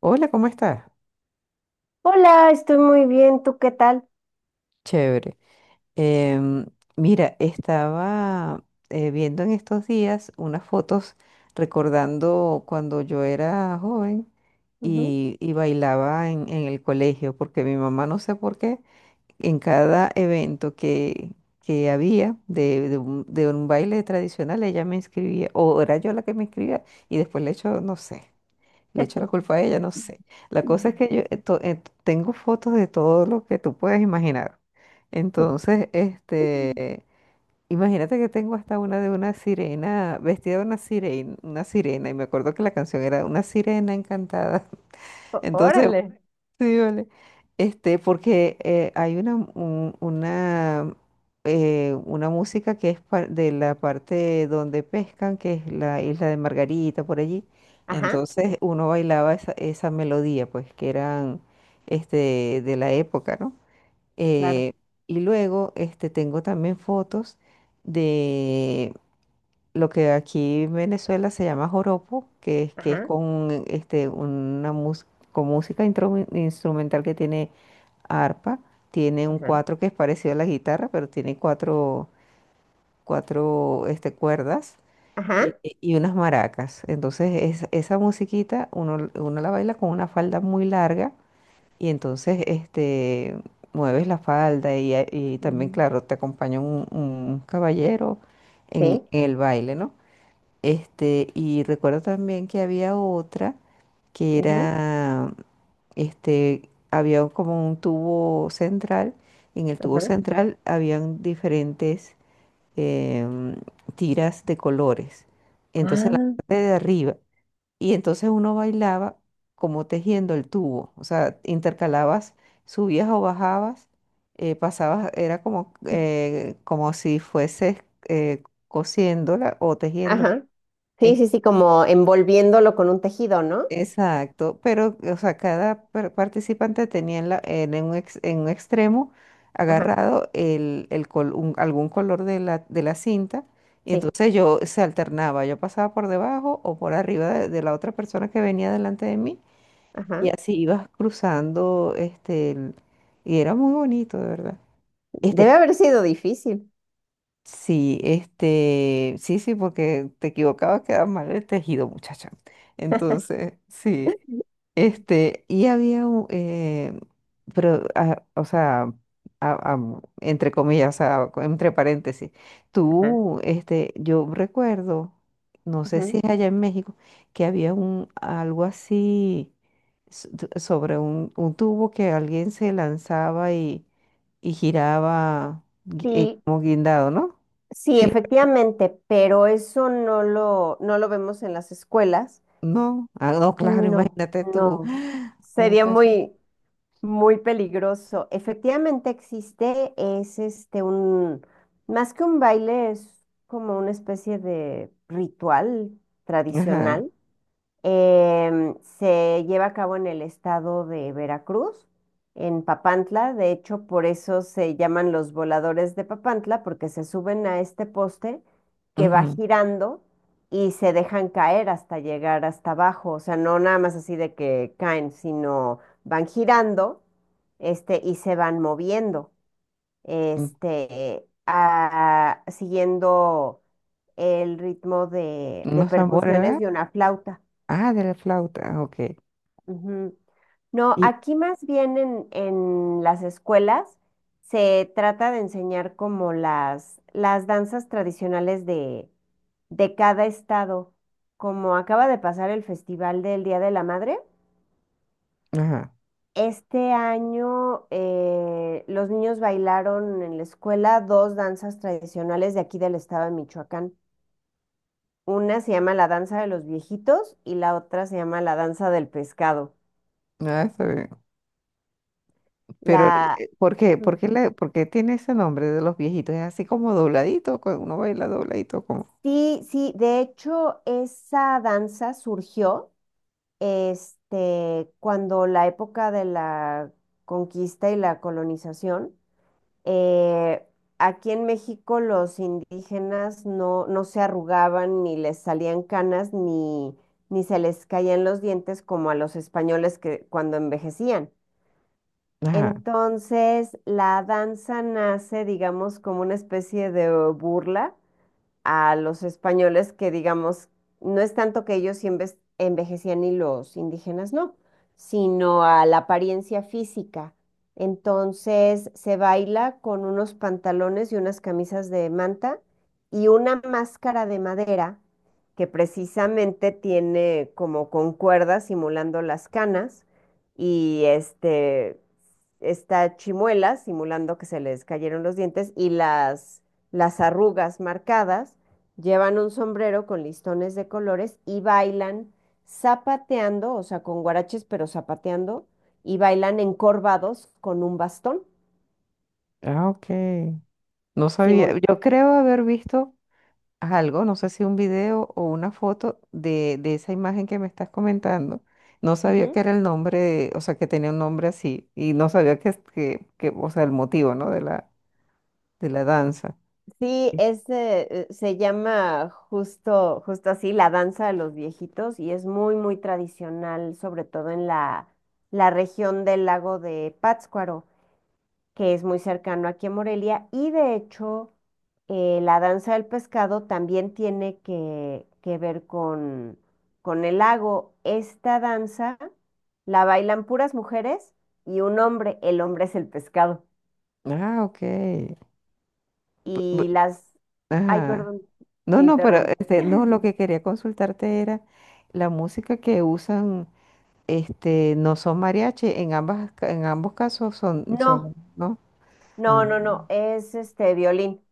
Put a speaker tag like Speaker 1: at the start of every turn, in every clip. Speaker 1: Hola, ¿cómo estás?
Speaker 2: Hola, estoy muy bien. ¿Tú qué tal?
Speaker 1: Chévere. Em, Mira, estaba viendo en estos días unas fotos recordando cuando yo era joven
Speaker 2: Ujú.
Speaker 1: y bailaba en el colegio, porque mi mamá, no sé por qué, en cada evento que había de de un baile tradicional, ella me inscribía, o era yo la que me inscribía, y después le hecho, no sé. Le echo la culpa a ella, no sé. La cosa es
Speaker 2: Mm.
Speaker 1: que yo tengo fotos de todo lo que tú puedes imaginar. Entonces, imagínate que tengo hasta una de una sirena, vestida de una sirena, y me acuerdo que la canción era Una sirena encantada. Entonces,
Speaker 2: Órale.
Speaker 1: sí, vale. Porque hay una, una música que es de la parte donde pescan, que es la isla de Margarita, por allí.
Speaker 2: Ajá,
Speaker 1: Entonces uno bailaba esa, esa melodía, pues, que eran de la época, ¿no?
Speaker 2: claro.
Speaker 1: Eh, y luego tengo también fotos lo que aquí en Venezuela se llama joropo, que es
Speaker 2: Ajá,
Speaker 1: con, una con música instrumental que tiene arpa, tiene un
Speaker 2: ajá,
Speaker 1: cuatro que es parecido a la guitarra, pero tiene cuatro, cuatro cuerdas, eh,
Speaker 2: ajá.
Speaker 1: y unas maracas. Entonces esa musiquita uno la baila con una falda muy larga y entonces mueves la falda y también,
Speaker 2: Ujú,
Speaker 1: claro, te acompaña un caballero
Speaker 2: sí,
Speaker 1: en el baile, ¿no? Y recuerdo también que había otra que
Speaker 2: ujú,
Speaker 1: era, había como un tubo central. En el tubo
Speaker 2: ajá.
Speaker 1: central habían diferentes, em, tiras de colores. Entonces, en la parte de arriba. Y entonces uno bailaba como tejiendo el tubo. O sea, intercalabas, subías o bajabas, pasabas, era como, como si fueses eh, cosiéndola o
Speaker 2: Ah,
Speaker 1: tejiendo.
Speaker 2: ajá. Sí, sí, sí, como envolviéndolo con un tejido, ¿no?
Speaker 1: Exacto, pero, o sea, cada participante tenía en en un extremo
Speaker 2: Ajá,
Speaker 1: agarrado el, algún color de la cinta, y
Speaker 2: sí,
Speaker 1: entonces yo se alternaba, yo pasaba por debajo o por arriba de la otra persona que venía delante de mí, y
Speaker 2: ajá.
Speaker 1: así ibas cruzando, y era muy bonito, de verdad.
Speaker 2: Debe
Speaker 1: Este,
Speaker 2: haber sido difícil.
Speaker 1: sí, sí, sí, porque te equivocabas, quedaba mal el tejido, muchacha. Entonces, sí. Y había, pero, o sea, ah, ah, entre comillas, entre paréntesis,
Speaker 2: Ajá.
Speaker 1: tú, yo recuerdo, no sé si
Speaker 2: Ujú.
Speaker 1: es allá en México, que había un, algo así sobre un tubo que alguien se lanzaba y giraba
Speaker 2: Sí,
Speaker 1: como guindado, ¿no?
Speaker 2: sí,
Speaker 1: Sí,
Speaker 2: efectivamente, pero eso no lo vemos en las escuelas.
Speaker 1: no, no, claro,
Speaker 2: No,
Speaker 1: imagínate tú,
Speaker 2: no. Sería
Speaker 1: muchacha.
Speaker 2: muy, muy peligroso. Efectivamente existe, es este un, más que un baile, es como una especie de ritual
Speaker 1: Ajá.
Speaker 2: tradicional. Se lleva a cabo en el estado de Veracruz, en Papantla. De hecho, por eso se llaman los voladores de Papantla, porque se suben a este poste que va
Speaker 1: Ujú,
Speaker 2: girando y se dejan caer hasta llegar hasta abajo. O sea, no nada más así de que caen, sino van girando, este, y se van moviendo,
Speaker 1: ujú,
Speaker 2: siguiendo el ritmo de
Speaker 1: unos tambores.
Speaker 2: percusiones de una flauta.
Speaker 1: Ah, de la flauta, ok.
Speaker 2: Ujú. No,
Speaker 1: Y,
Speaker 2: aquí más bien en las escuelas se trata de enseñar como las danzas tradicionales de cada estado. Como acaba de pasar el Festival del Día de la Madre,
Speaker 1: ajá,
Speaker 2: este año los niños bailaron en la escuela dos danzas tradicionales de aquí del estado de Michoacán. Una se llama la danza de los viejitos y la otra se llama la danza del pescado.
Speaker 1: ah, está bien. Pero,
Speaker 2: La,
Speaker 1: ¿por qué? ¿Por qué, por qué tiene ese nombre de los viejitos? Es así como dobladito, cuando uno baila dobladito, como.
Speaker 2: sí, sí, de hecho esa danza surgió este, cuando la época de la conquista y la colonización, eh, aquí en México los indígenas no, no se arrugaban ni les salían canas ni, ni se les caían los dientes como a los españoles que cuando envejecían.
Speaker 1: Ajá,
Speaker 2: Entonces la danza nace, digamos, como una especie de burla a los españoles que, digamos, no es tanto que ellos sí envejecían y los indígenas no, sino a la apariencia física. Entonces se baila con unos pantalones y unas camisas de manta y una máscara de madera que precisamente tiene como con cuerdas simulando las canas y este está Chimuela simulando que se les cayeron los dientes y las arrugas marcadas, llevan un sombrero con listones de colores y bailan zapateando, o sea, con guaraches, pero zapateando, y bailan encorvados con un bastón.
Speaker 1: ah, ok. No sabía.
Speaker 2: Simul-,
Speaker 1: Yo creo haber visto algo, no sé si un video o una foto de esa imagen que me estás comentando. No sabía
Speaker 2: ujú.
Speaker 1: que era el nombre, o sea, que tenía un nombre así. Y no sabía que, o sea, el motivo, ¿no? De la danza.
Speaker 2: Sí, es, se llama justo, justo así, la danza de los viejitos y es muy, muy tradicional, sobre todo en la región del lago de Pátzcuaro, que es muy cercano aquí en Morelia, y de hecho la danza del pescado también tiene que ver con el lago. Esta danza la bailan puras mujeres y un hombre, el hombre es el pescado.
Speaker 1: Ah, ok. Bu- bu-
Speaker 2: Y las... Ay,
Speaker 1: Ajá.
Speaker 2: perdón,
Speaker 1: No,
Speaker 2: te
Speaker 1: no, pero
Speaker 2: interrumpí.
Speaker 1: no, lo que quería consultarte era la música que usan, no son mariachi, en ambas, en ambos casos son,
Speaker 2: No,
Speaker 1: son, ¿no? Ah,
Speaker 2: no, no, no, es este violín.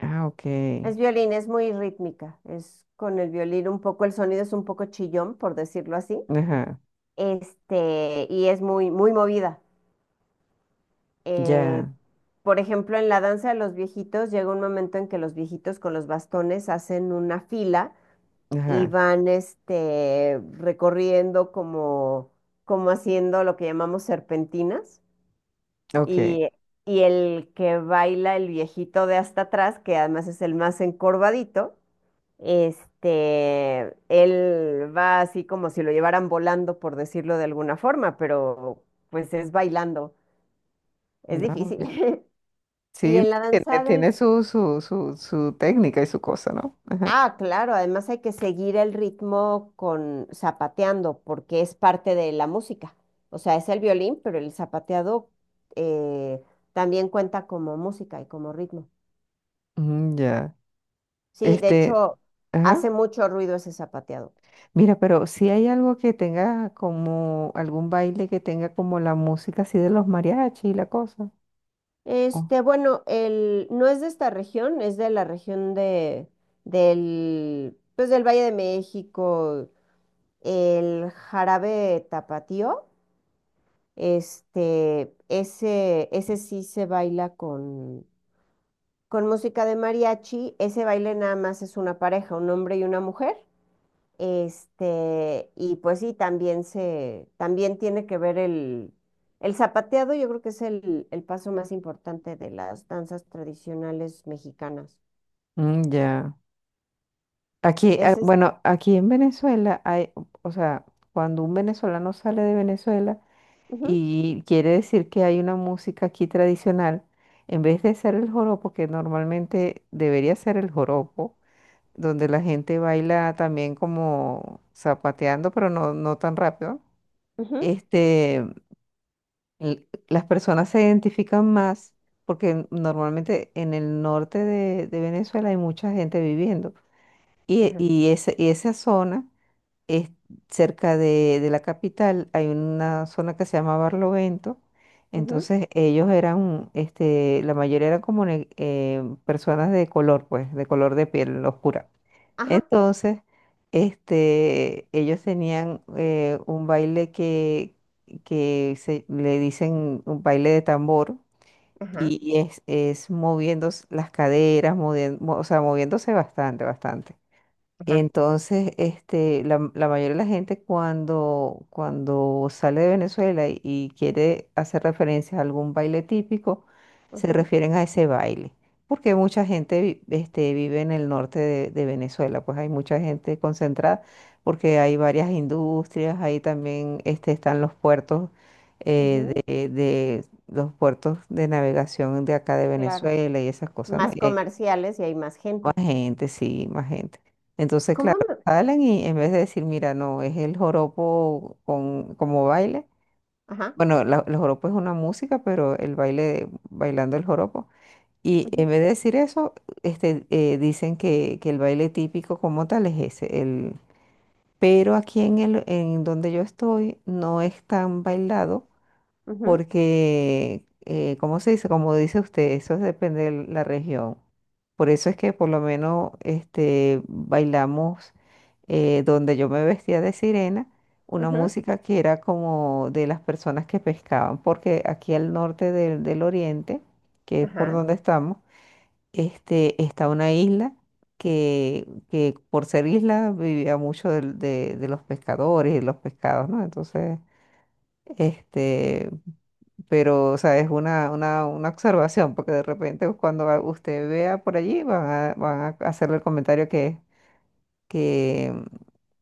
Speaker 1: ah, ok.
Speaker 2: Es violín, es muy rítmica, es con el violín un poco, el sonido es un poco chillón, por decirlo así.
Speaker 1: Ajá,
Speaker 2: Este, y es muy, muy movida. Eh,
Speaker 1: ya,
Speaker 2: por ejemplo, en la danza de los viejitos llega un momento en que los viejitos con los bastones hacen una fila y
Speaker 1: ajá,
Speaker 2: van, este, recorriendo como, como haciendo lo que llamamos serpentinas
Speaker 1: ok.
Speaker 2: y, y el que baila el viejito de hasta atrás, que además es el más encorvadito, este, él va así como si lo llevaran volando, por decirlo de alguna forma, pero pues es bailando. Es
Speaker 1: Ah,
Speaker 2: difícil.
Speaker 1: ok.
Speaker 2: Y
Speaker 1: Sí,
Speaker 2: en la
Speaker 1: tiene,
Speaker 2: danza del...
Speaker 1: su técnica y su cosa, ¿no? Ajá.
Speaker 2: Ah, claro, además hay que seguir el ritmo con zapateando, porque es parte de la música. O sea, es el violín, pero el zapateado eh, también cuenta como música y como ritmo.
Speaker 1: Mm, ya.
Speaker 2: Sí, de
Speaker 1: Este,
Speaker 2: hecho, hace
Speaker 1: ajá.
Speaker 2: mucho ruido ese zapateado.
Speaker 1: Mira, pero si hay algo que tenga como algún baile que tenga como la música así de los mariachi y la cosa.
Speaker 2: Este, bueno, el, no es de esta región, es de la región de, del, pues del Valle de México, el jarabe tapatío. Este, ese sí se baila con música de mariachi. Ese baile nada más es una pareja, un hombre y una mujer. Este, y pues sí, también se, también tiene que ver el zapateado, yo creo que es el paso más importante de las danzas tradicionales mexicanas.
Speaker 1: Mm, ya. Aquí,
Speaker 2: Ese es,
Speaker 1: bueno, aquí en Venezuela hay, o sea, cuando un venezolano sale de Venezuela
Speaker 2: ujú,
Speaker 1: y quiere decir que hay una música aquí tradicional, en vez de ser el joropo, que normalmente debería ser el joropo, donde la gente baila también como zapateando, pero no, no tan rápido,
Speaker 2: ujú,
Speaker 1: este, las personas se identifican más porque normalmente en el norte de Venezuela hay mucha gente viviendo. Y,
Speaker 2: ajá,
Speaker 1: y esa zona es cerca de la capital, hay una zona que se llama Barlovento.
Speaker 2: ujú,
Speaker 1: Entonces ellos eran, la mayoría eran como personas de color, pues, de color de piel oscura.
Speaker 2: ajá,
Speaker 1: Entonces, ellos tenían, un baile que se, le dicen un baile de tambor
Speaker 2: ajá,
Speaker 1: y es moviendo las caderas, o sea, moviéndose bastante, bastante.
Speaker 2: ajá,
Speaker 1: Entonces, la, la mayoría de la gente cuando sale de Venezuela y quiere hacer referencia a algún baile típico, se
Speaker 2: ujú,
Speaker 1: refieren a ese baile, porque mucha gente vive en el norte de Venezuela, pues hay mucha gente concentrada, porque hay varias industrias, ahí también están los puertos,
Speaker 2: ujú,
Speaker 1: de los puertos de navegación de acá de
Speaker 2: claro.
Speaker 1: Venezuela y esas cosas, ¿no?
Speaker 2: Más comerciales y hay más
Speaker 1: Más
Speaker 2: gente.
Speaker 1: gente, sí, más gente. Entonces, claro,
Speaker 2: ¿Cómo? Me-,
Speaker 1: salen y en vez de decir, mira, no, es el joropo con, como baile.
Speaker 2: ajá.
Speaker 1: Bueno, el joropo es una música, pero el baile, bailando el joropo. Y en vez de decir eso, dicen que el baile típico como tal es ese. El, pero aquí en el, en donde yo estoy, no es tan bailado
Speaker 2: Ujú,
Speaker 1: porque, ¿cómo se dice? Como dice usted, eso depende de la región. Por eso es que por lo menos bailamos, donde yo me vestía de sirena, una
Speaker 2: ujú,
Speaker 1: música que era como de las personas que pescaban, porque aquí al norte del, del oriente, que es por
Speaker 2: ajá,
Speaker 1: donde estamos, está una isla que por ser isla vivía mucho de los pescadores y de los pescados, ¿no? Entonces... Este, pero, o sea, es una observación, porque de repente cuando usted vea por allí, van a, van a hacerle el comentario que, mm,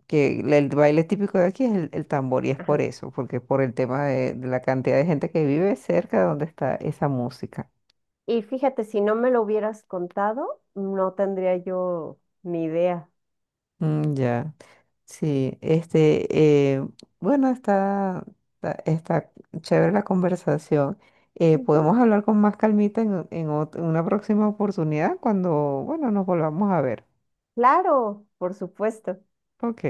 Speaker 1: que el baile típico de aquí es el tambor, y es por
Speaker 2: ajá.
Speaker 1: eso, porque por el tema de la cantidad de gente que vive cerca de donde está esa música.
Speaker 2: Y fíjate, si no me lo hubieras contado, no tendría yo ni idea.
Speaker 1: Mm, ya. Sí, bueno, está chévere la conversación.
Speaker 2: Ujú.
Speaker 1: Podemos hablar con más calmita en una próxima oportunidad cuando, bueno, nos volvamos a ver.
Speaker 2: Claro, por supuesto.
Speaker 1: Ok,